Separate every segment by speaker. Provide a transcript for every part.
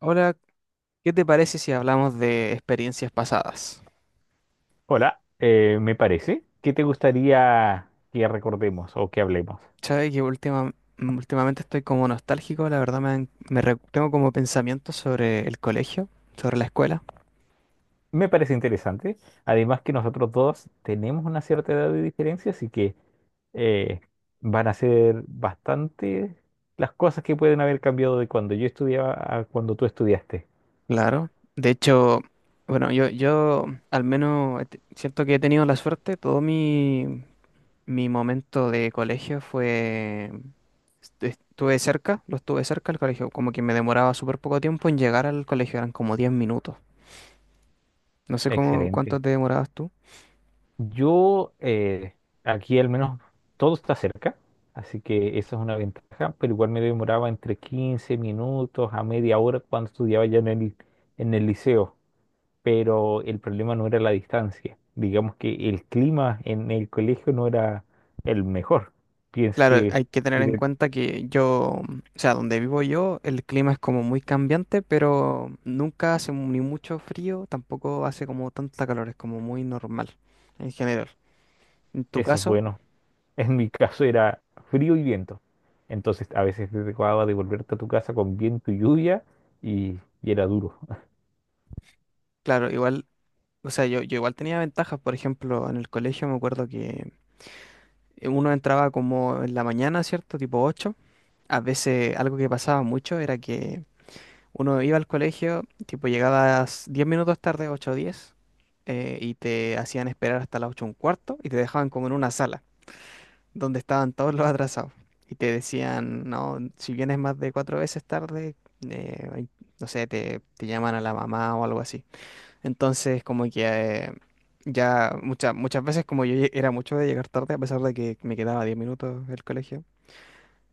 Speaker 1: Ahora, ¿qué te parece si hablamos de experiencias pasadas?
Speaker 2: Hola, me parece. ¿Qué te gustaría que recordemos o que hablemos?
Speaker 1: Sabes que últimamente estoy como nostálgico, la verdad me, han- me re- tengo como pensamientos sobre el colegio, sobre la escuela.
Speaker 2: Me parece interesante. Además que nosotros dos tenemos una cierta edad de diferencia, así que eh, van a ser bastante las cosas que pueden haber cambiado de cuando yo estudiaba a cuando tú estudiaste.
Speaker 1: Claro. De hecho, yo al menos siento que he tenido la suerte, mi momento de colegio fue... estu- Estuve cerca, lo estuve cerca al colegio, como que me demoraba súper poco tiempo en llegar al colegio, eran como 10 minutos. No sé
Speaker 2: Excelente.
Speaker 1: cuánto te demorabas tú.
Speaker 2: Yo, aquí al menos todo está cerca, así que esa es una ventaja, pero igual me demoraba entre 15 minutos a media hora cuando estudiaba ya en el liceo. Pero el problema no era la distancia. Digamos que el clima en el colegio no era el mejor. Pienso
Speaker 1: Claro,
Speaker 2: que
Speaker 1: hay que tener en
Speaker 2: tiene-
Speaker 1: cuenta que yo, o sea, donde vivo yo, el clima es como muy cambiante, pero nunca hace ni mucho frío, tampoco hace como tanta calor, es como muy normal en general. En tu
Speaker 2: eso es
Speaker 1: caso,
Speaker 2: bueno. En mi caso era frío y viento. Entonces a veces te tocaba devolverte a tu casa con viento y lluvia y era duro.
Speaker 1: claro, igual, o sea, yo igual tenía ventajas, por ejemplo, en el colegio me acuerdo que uno entraba como en la mañana, ¿cierto? Tipo ocho. A veces algo que pasaba mucho era que uno iba al colegio, tipo llegabas 10 minutos tarde, 8 o 10, y te hacían esperar hasta las 8 un cuarto y te dejaban como en una sala donde estaban todos los atrasados. Y te decían, no, si vienes más de cuatro veces tarde, eh, ay, no sé, te llaman a la mamá o algo así. Entonces, como que ya muchas muchas veces, como era mucho de llegar tarde, a pesar de que me quedaba 10 minutos del colegio,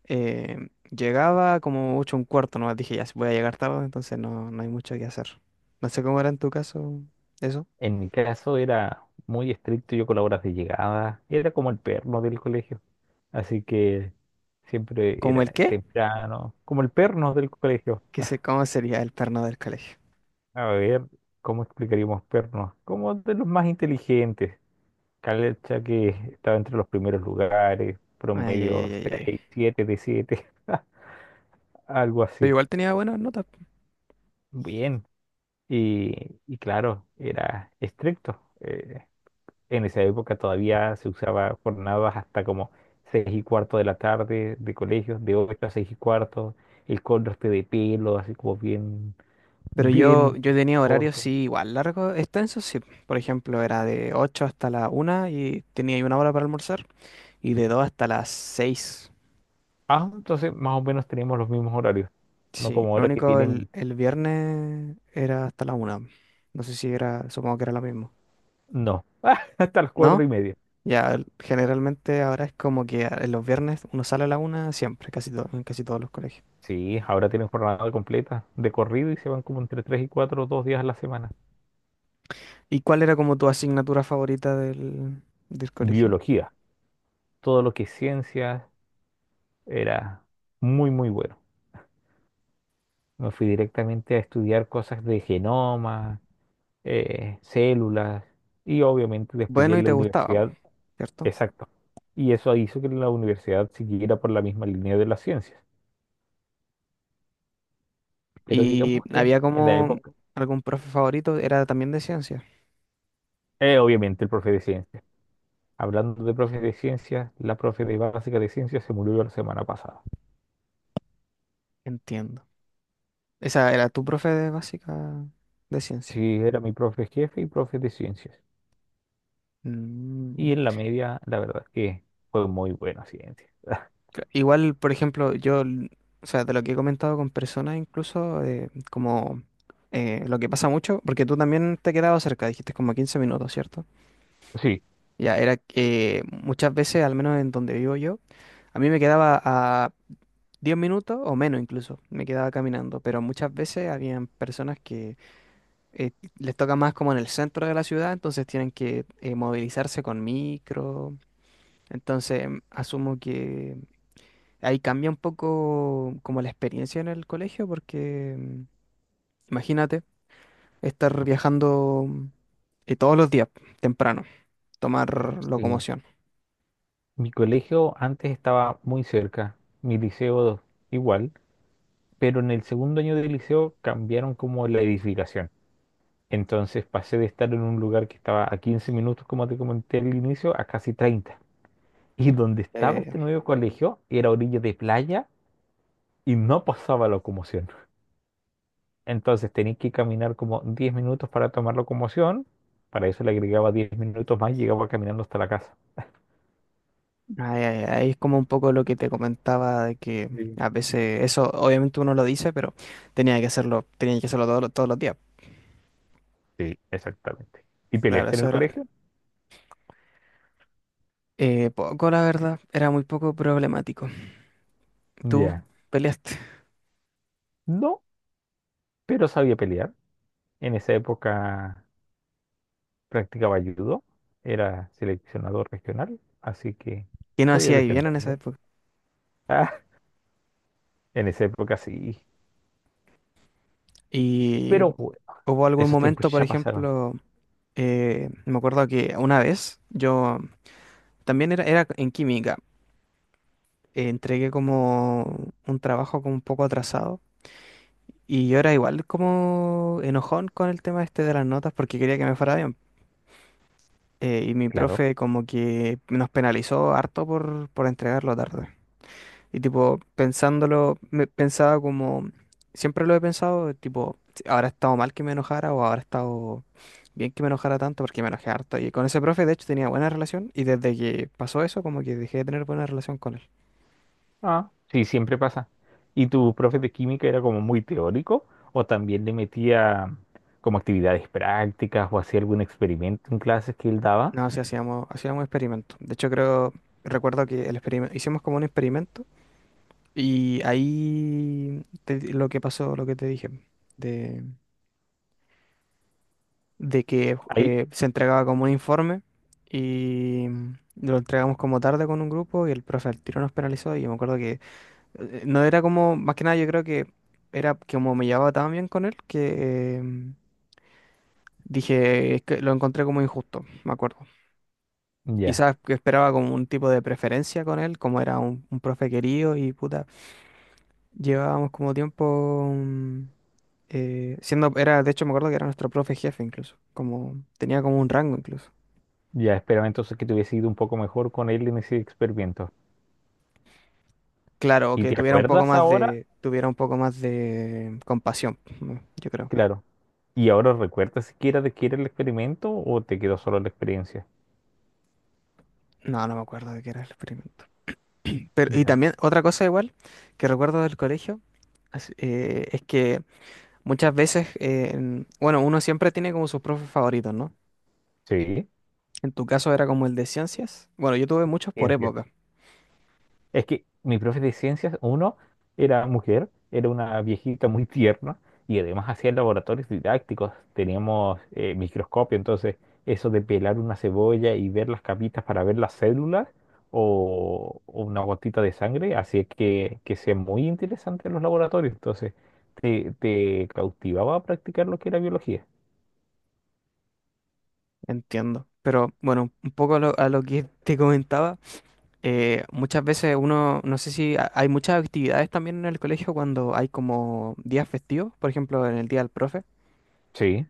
Speaker 1: llegaba como mucho un cuarto, nomás dije, ya, si voy a llegar tarde, entonces no, no hay mucho que hacer. No sé cómo era en tu caso eso.
Speaker 2: En mi caso era muy estricto yo con las horas de llegada. Era como el perno del colegio. Así que siempre
Speaker 1: ¿Cómo el
Speaker 2: era
Speaker 1: qué?
Speaker 2: temprano, como el perno del colegio.
Speaker 1: ¿Qué sé cómo sería el perno del colegio?
Speaker 2: A ver, ¿cómo explicaríamos pernos? Como de los más inteligentes. Calecha que estaba entre los primeros lugares,
Speaker 1: Ay, ay,
Speaker 2: promedio
Speaker 1: ay, ay,
Speaker 2: 6,
Speaker 1: ay.
Speaker 2: 7 de 7, algo
Speaker 1: Pero
Speaker 2: así.
Speaker 1: igual tenía buenas notas.
Speaker 2: Bien. Y, y claro, era estricto. En esa época todavía se usaba jornadas hasta como 6:15 de la tarde de colegios, de 8 a 6:15, el corte de pelo, así como bien,
Speaker 1: Pero yo,
Speaker 2: bien
Speaker 1: yo tenía horarios,
Speaker 2: corto.
Speaker 1: sí, igual largos, extensos, sí. Por ejemplo, era de 8 hasta la una y tenía ahí una hora para almorzar. Y de 2 hasta las seis.
Speaker 2: Ah, entonces más o menos tenemos los mismos horarios. No
Speaker 1: Sí,
Speaker 2: como
Speaker 1: lo
Speaker 2: ahora que
Speaker 1: único
Speaker 2: tienen.
Speaker 1: el viernes era hasta la una. No sé si era, supongo que era lo mismo.
Speaker 2: No. Hasta las cuatro
Speaker 1: ¿No?
Speaker 2: y media.
Speaker 1: Generalmente ahora es como que los viernes uno sale a la una siempre, casi todo, en casi todos los colegios.
Speaker 2: Sí, ahora tienen jornada completa de corrido y se van como entre tres y cuatro, 2 días a la semana.
Speaker 1: ¿Y cuál era como tu asignatura favorita del colegio?
Speaker 2: Biología. Todo lo que es ciencias era muy, muy bueno. Me fui directamente a estudiar cosas de genoma, células y obviamente después ya
Speaker 1: Bueno, ¿y
Speaker 2: en la
Speaker 1: te gustaba,
Speaker 2: universidad.
Speaker 1: cierto?
Speaker 2: Exacto. Y eso hizo que la universidad siguiera por la misma línea de las ciencias. Pero
Speaker 1: ¿Y
Speaker 2: digamos que en
Speaker 1: había
Speaker 2: en la
Speaker 1: como
Speaker 2: época.
Speaker 1: algún profe favorito, era también de ciencia?
Speaker 2: Obviamente el profe de ciencias. Hablando de profe de ciencias, la profe de básica de ciencias se murió la semana pasada.
Speaker 1: Entiendo. Esa era tu profe de básica de ciencia.
Speaker 2: Sí, era mi profe jefe y profe de ciencias.
Speaker 1: Mm.
Speaker 2: Y en la media, la verdad es que fue muy buena ciencia.
Speaker 1: Igual, por ejemplo, o sea, de lo que he comentado con personas incluso, como lo que pasa mucho, porque tú también te quedabas cerca, dijiste como 15 minutos, ¿cierto?
Speaker 2: Sí,
Speaker 1: Ya, era que muchas veces, al menos en donde vivo yo, a mí me quedaba a 10 minutos o menos incluso, me quedaba caminando, pero muchas veces habían personas que eh, les toca más como en el centro de la ciudad, entonces tienen que movilizarse con micro, entonces asumo que... ahí cambia un poco como la experiencia en el colegio porque imagínate estar viajando todos los días temprano, tomar
Speaker 2: sí.
Speaker 1: locomoción.
Speaker 2: Mi colegio antes estaba muy cerca, mi liceo igual, pero en el segundo año del liceo cambiaron como la edificación. Entonces pasé de estar en un lugar que estaba a 15 minutos, como te comenté al inicio, a casi 30. Y donde estaba
Speaker 1: Eh,
Speaker 2: este nuevo colegio era orilla de playa y no pasaba locomoción. Entonces tenías que caminar como 10 minutos para tomar locomoción. Para eso le agregaba 10 minutos más y llegaba caminando hasta la casa.
Speaker 1: Ahí es como un poco lo que te comentaba de que
Speaker 2: Sí.
Speaker 1: a veces eso obviamente uno lo dice, pero tenía que hacerlo todos los días.
Speaker 2: Sí, exactamente. ¿Y
Speaker 1: Claro,
Speaker 2: peleaste en
Speaker 1: eso
Speaker 2: el
Speaker 1: era
Speaker 2: colegio?
Speaker 1: poco, la verdad, era muy poco problemático. Tú
Speaker 2: Ya.
Speaker 1: peleaste,
Speaker 2: No, pero sabía pelear. En esa época practicaba judo. Era seleccionador regional, así que
Speaker 1: ¿qué no
Speaker 2: podía
Speaker 1: hacías bien en esa
Speaker 2: defenderme.
Speaker 1: época?
Speaker 2: Ah, en esa época sí.
Speaker 1: Y
Speaker 2: Pero bueno,
Speaker 1: hubo algún
Speaker 2: esos
Speaker 1: momento,
Speaker 2: tiempos
Speaker 1: por
Speaker 2: ya pasaron.
Speaker 1: ejemplo, me acuerdo que una vez yo también era en química, entregué como un trabajo como un poco atrasado y yo era igual como enojón con el tema este de las notas porque quería que me fuera bien. Y mi
Speaker 2: Claro.
Speaker 1: profe como que nos penalizó harto por entregarlo tarde. Y tipo, pensándolo, me pensaba como, siempre lo he pensado, tipo, si habrá estado mal que me enojara o habrá estado bien que me enojara tanto porque me enojé harto. Y con ese profe, de hecho, tenía buena relación y desde que pasó eso, como que dejé de tener buena relación con él.
Speaker 2: Ah, sí, siempre pasa. ¿Y tu profe de química era como muy teórico o también le metía como actividades prácticas o hacía algún experimento en clases que él daba?
Speaker 1: No, sí, hacíamos experimentos. De hecho, creo, recuerdo que el experimento, hicimos como un experimento y ahí lo que pasó, lo que te dije, de que
Speaker 2: Ahí,
Speaker 1: se entregaba como un informe y lo entregamos como tarde con un grupo y el profe al tiro nos penalizó y yo me acuerdo que no era como, más que nada yo creo que era que como me llevaba tan bien con él que dije, es que lo encontré como injusto, me acuerdo.
Speaker 2: ya,
Speaker 1: Quizás que esperaba como un tipo de preferencia con él, como era un profe querido y puta, llevábamos como tiempo... siendo, era, de hecho me acuerdo que era nuestro profe jefe incluso, como tenía como un rango incluso.
Speaker 2: ya esperaba entonces que te hubiese ido un poco mejor con él en ese experimento.
Speaker 1: Claro, o
Speaker 2: ¿Y
Speaker 1: que
Speaker 2: te
Speaker 1: tuviera un poco
Speaker 2: acuerdas
Speaker 1: más
Speaker 2: ahora?
Speaker 1: de, tuviera un poco más de compasión, ¿no? Yo creo.
Speaker 2: Claro. ¿Y ahora recuerdas siquiera de qué era el experimento o te quedó solo la experiencia?
Speaker 1: No, no me acuerdo de qué era el experimento. Pero, y
Speaker 2: Ya.
Speaker 1: también otra cosa igual que recuerdo del colegio es que muchas veces, bueno, uno siempre tiene como sus profes favoritos, ¿no?
Speaker 2: Sí.
Speaker 1: En tu caso era como el de ciencias. Bueno, yo tuve muchos por
Speaker 2: Ciencia.
Speaker 1: época,
Speaker 2: Es que mi profe de ciencias, uno, era mujer, era una viejita muy tierna y además hacía laboratorios didácticos. Teníamos microscopio, entonces eso de pelar una cebolla y ver las capitas para ver las células o una gotita de sangre hacía que sea muy interesante los laboratorios. Entonces te cautivaba a practicar lo que era biología.
Speaker 1: entiendo. Pero bueno, un poco a lo que te comentaba. Muchas veces uno, no sé si ha- hay muchas actividades también en el colegio cuando hay como días festivos, por ejemplo, en el día del profe.
Speaker 2: Sí.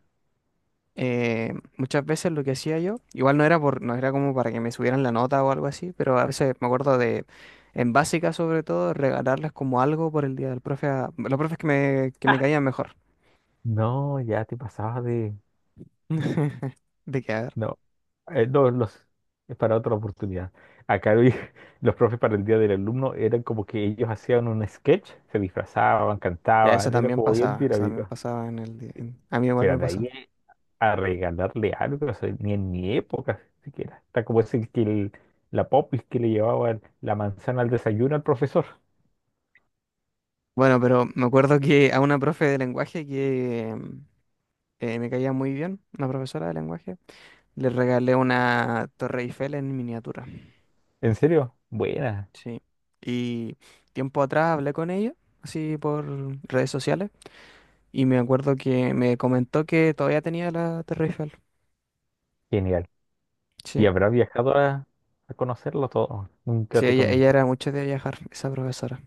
Speaker 1: Muchas veces lo que hacía yo, igual no era no era como para que me subieran la nota o algo así, pero a veces me acuerdo, en básica sobre todo, regalarles como algo por el día del profe a los profes que me caían mejor.
Speaker 2: No, ya te pasabas de...
Speaker 1: De que, a ver,
Speaker 2: No. No, es para otra oportunidad. Acá los profes para el Día del Alumno eran como que ellos hacían un sketch, se disfrazaban,
Speaker 1: ya
Speaker 2: cantaban, era como bien
Speaker 1: eso también
Speaker 2: dinámico.
Speaker 1: pasaba en el día, a mí igual
Speaker 2: Pero
Speaker 1: me
Speaker 2: de
Speaker 1: pasó.
Speaker 2: ahí a regalarle algo, o sea, ni en mi época siquiera. Está como ese que la popis que le llevaba la manzana al desayuno al profesor.
Speaker 1: Bueno, pero me acuerdo que a una profe de lenguaje que, me caía muy bien, una profesora de lenguaje. Le regalé una Torre Eiffel en miniatura.
Speaker 2: ¿En serio? Buena,
Speaker 1: Sí. Y tiempo atrás hablé con ella, así por redes sociales, y me acuerdo que me comentó que todavía tenía la Torre Eiffel.
Speaker 2: genial. Y
Speaker 1: Sí.
Speaker 2: habrá viajado a conocerlo todo. Nunca
Speaker 1: Sí,
Speaker 2: te
Speaker 1: ella
Speaker 2: comentó.
Speaker 1: era mucho de viajar, esa profesora.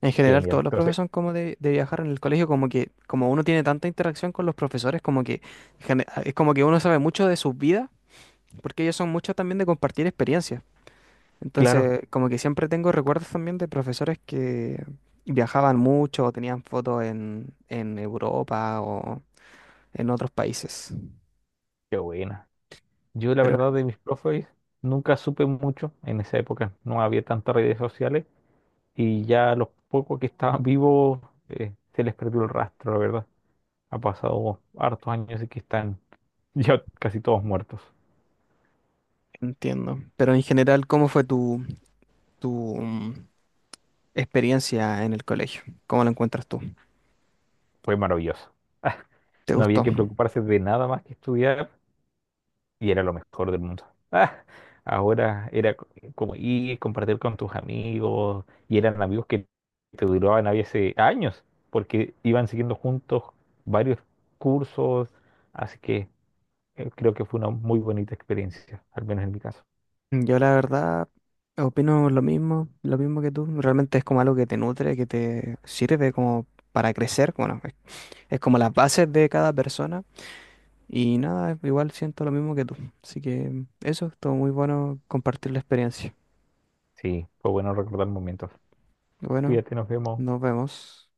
Speaker 1: En general,
Speaker 2: Genial.
Speaker 1: todos los profesores
Speaker 2: Entonces,
Speaker 1: son como de viajar en el colegio, como que como uno tiene tanta interacción con los profesores, como que es como que uno sabe mucho de sus vidas, porque ellos son muchos también de compartir experiencias.
Speaker 2: claro,
Speaker 1: Entonces, como que siempre tengo recuerdos también de profesores que viajaban mucho o tenían fotos en Europa o en otros países.
Speaker 2: qué buena. Yo, la
Speaker 1: Pero
Speaker 2: verdad, de mis profes nunca supe mucho en esa época. No había tantas redes sociales y ya los pocos que estaban vivos, se les perdió el rastro, la verdad. Ha pasado hartos años y que están ya casi todos muertos.
Speaker 1: entiendo. Pero en general, ¿cómo fue tu experiencia en el colegio? ¿Cómo lo encuentras tú?
Speaker 2: Fue maravilloso.
Speaker 1: ¿Te
Speaker 2: No había
Speaker 1: gustó?
Speaker 2: que preocuparse de nada más que estudiar y era lo mejor del mundo. Ah, ahora era como ir, compartir con tus amigos, y eran amigos que te duraban a veces años, porque iban siguiendo juntos varios cursos, así que creo que fue una muy bonita experiencia, al menos en mi caso.
Speaker 1: Yo la verdad opino lo mismo que tú. Realmente es como algo que te nutre, que te sirve como para crecer. Es como las bases de cada persona. Y nada, igual siento lo mismo que tú. Así que eso, estuvo muy bueno compartir la experiencia.
Speaker 2: Sí, fue bueno recordar momentos.
Speaker 1: Bueno,
Speaker 2: Cuídate, nos vemos.
Speaker 1: nos vemos.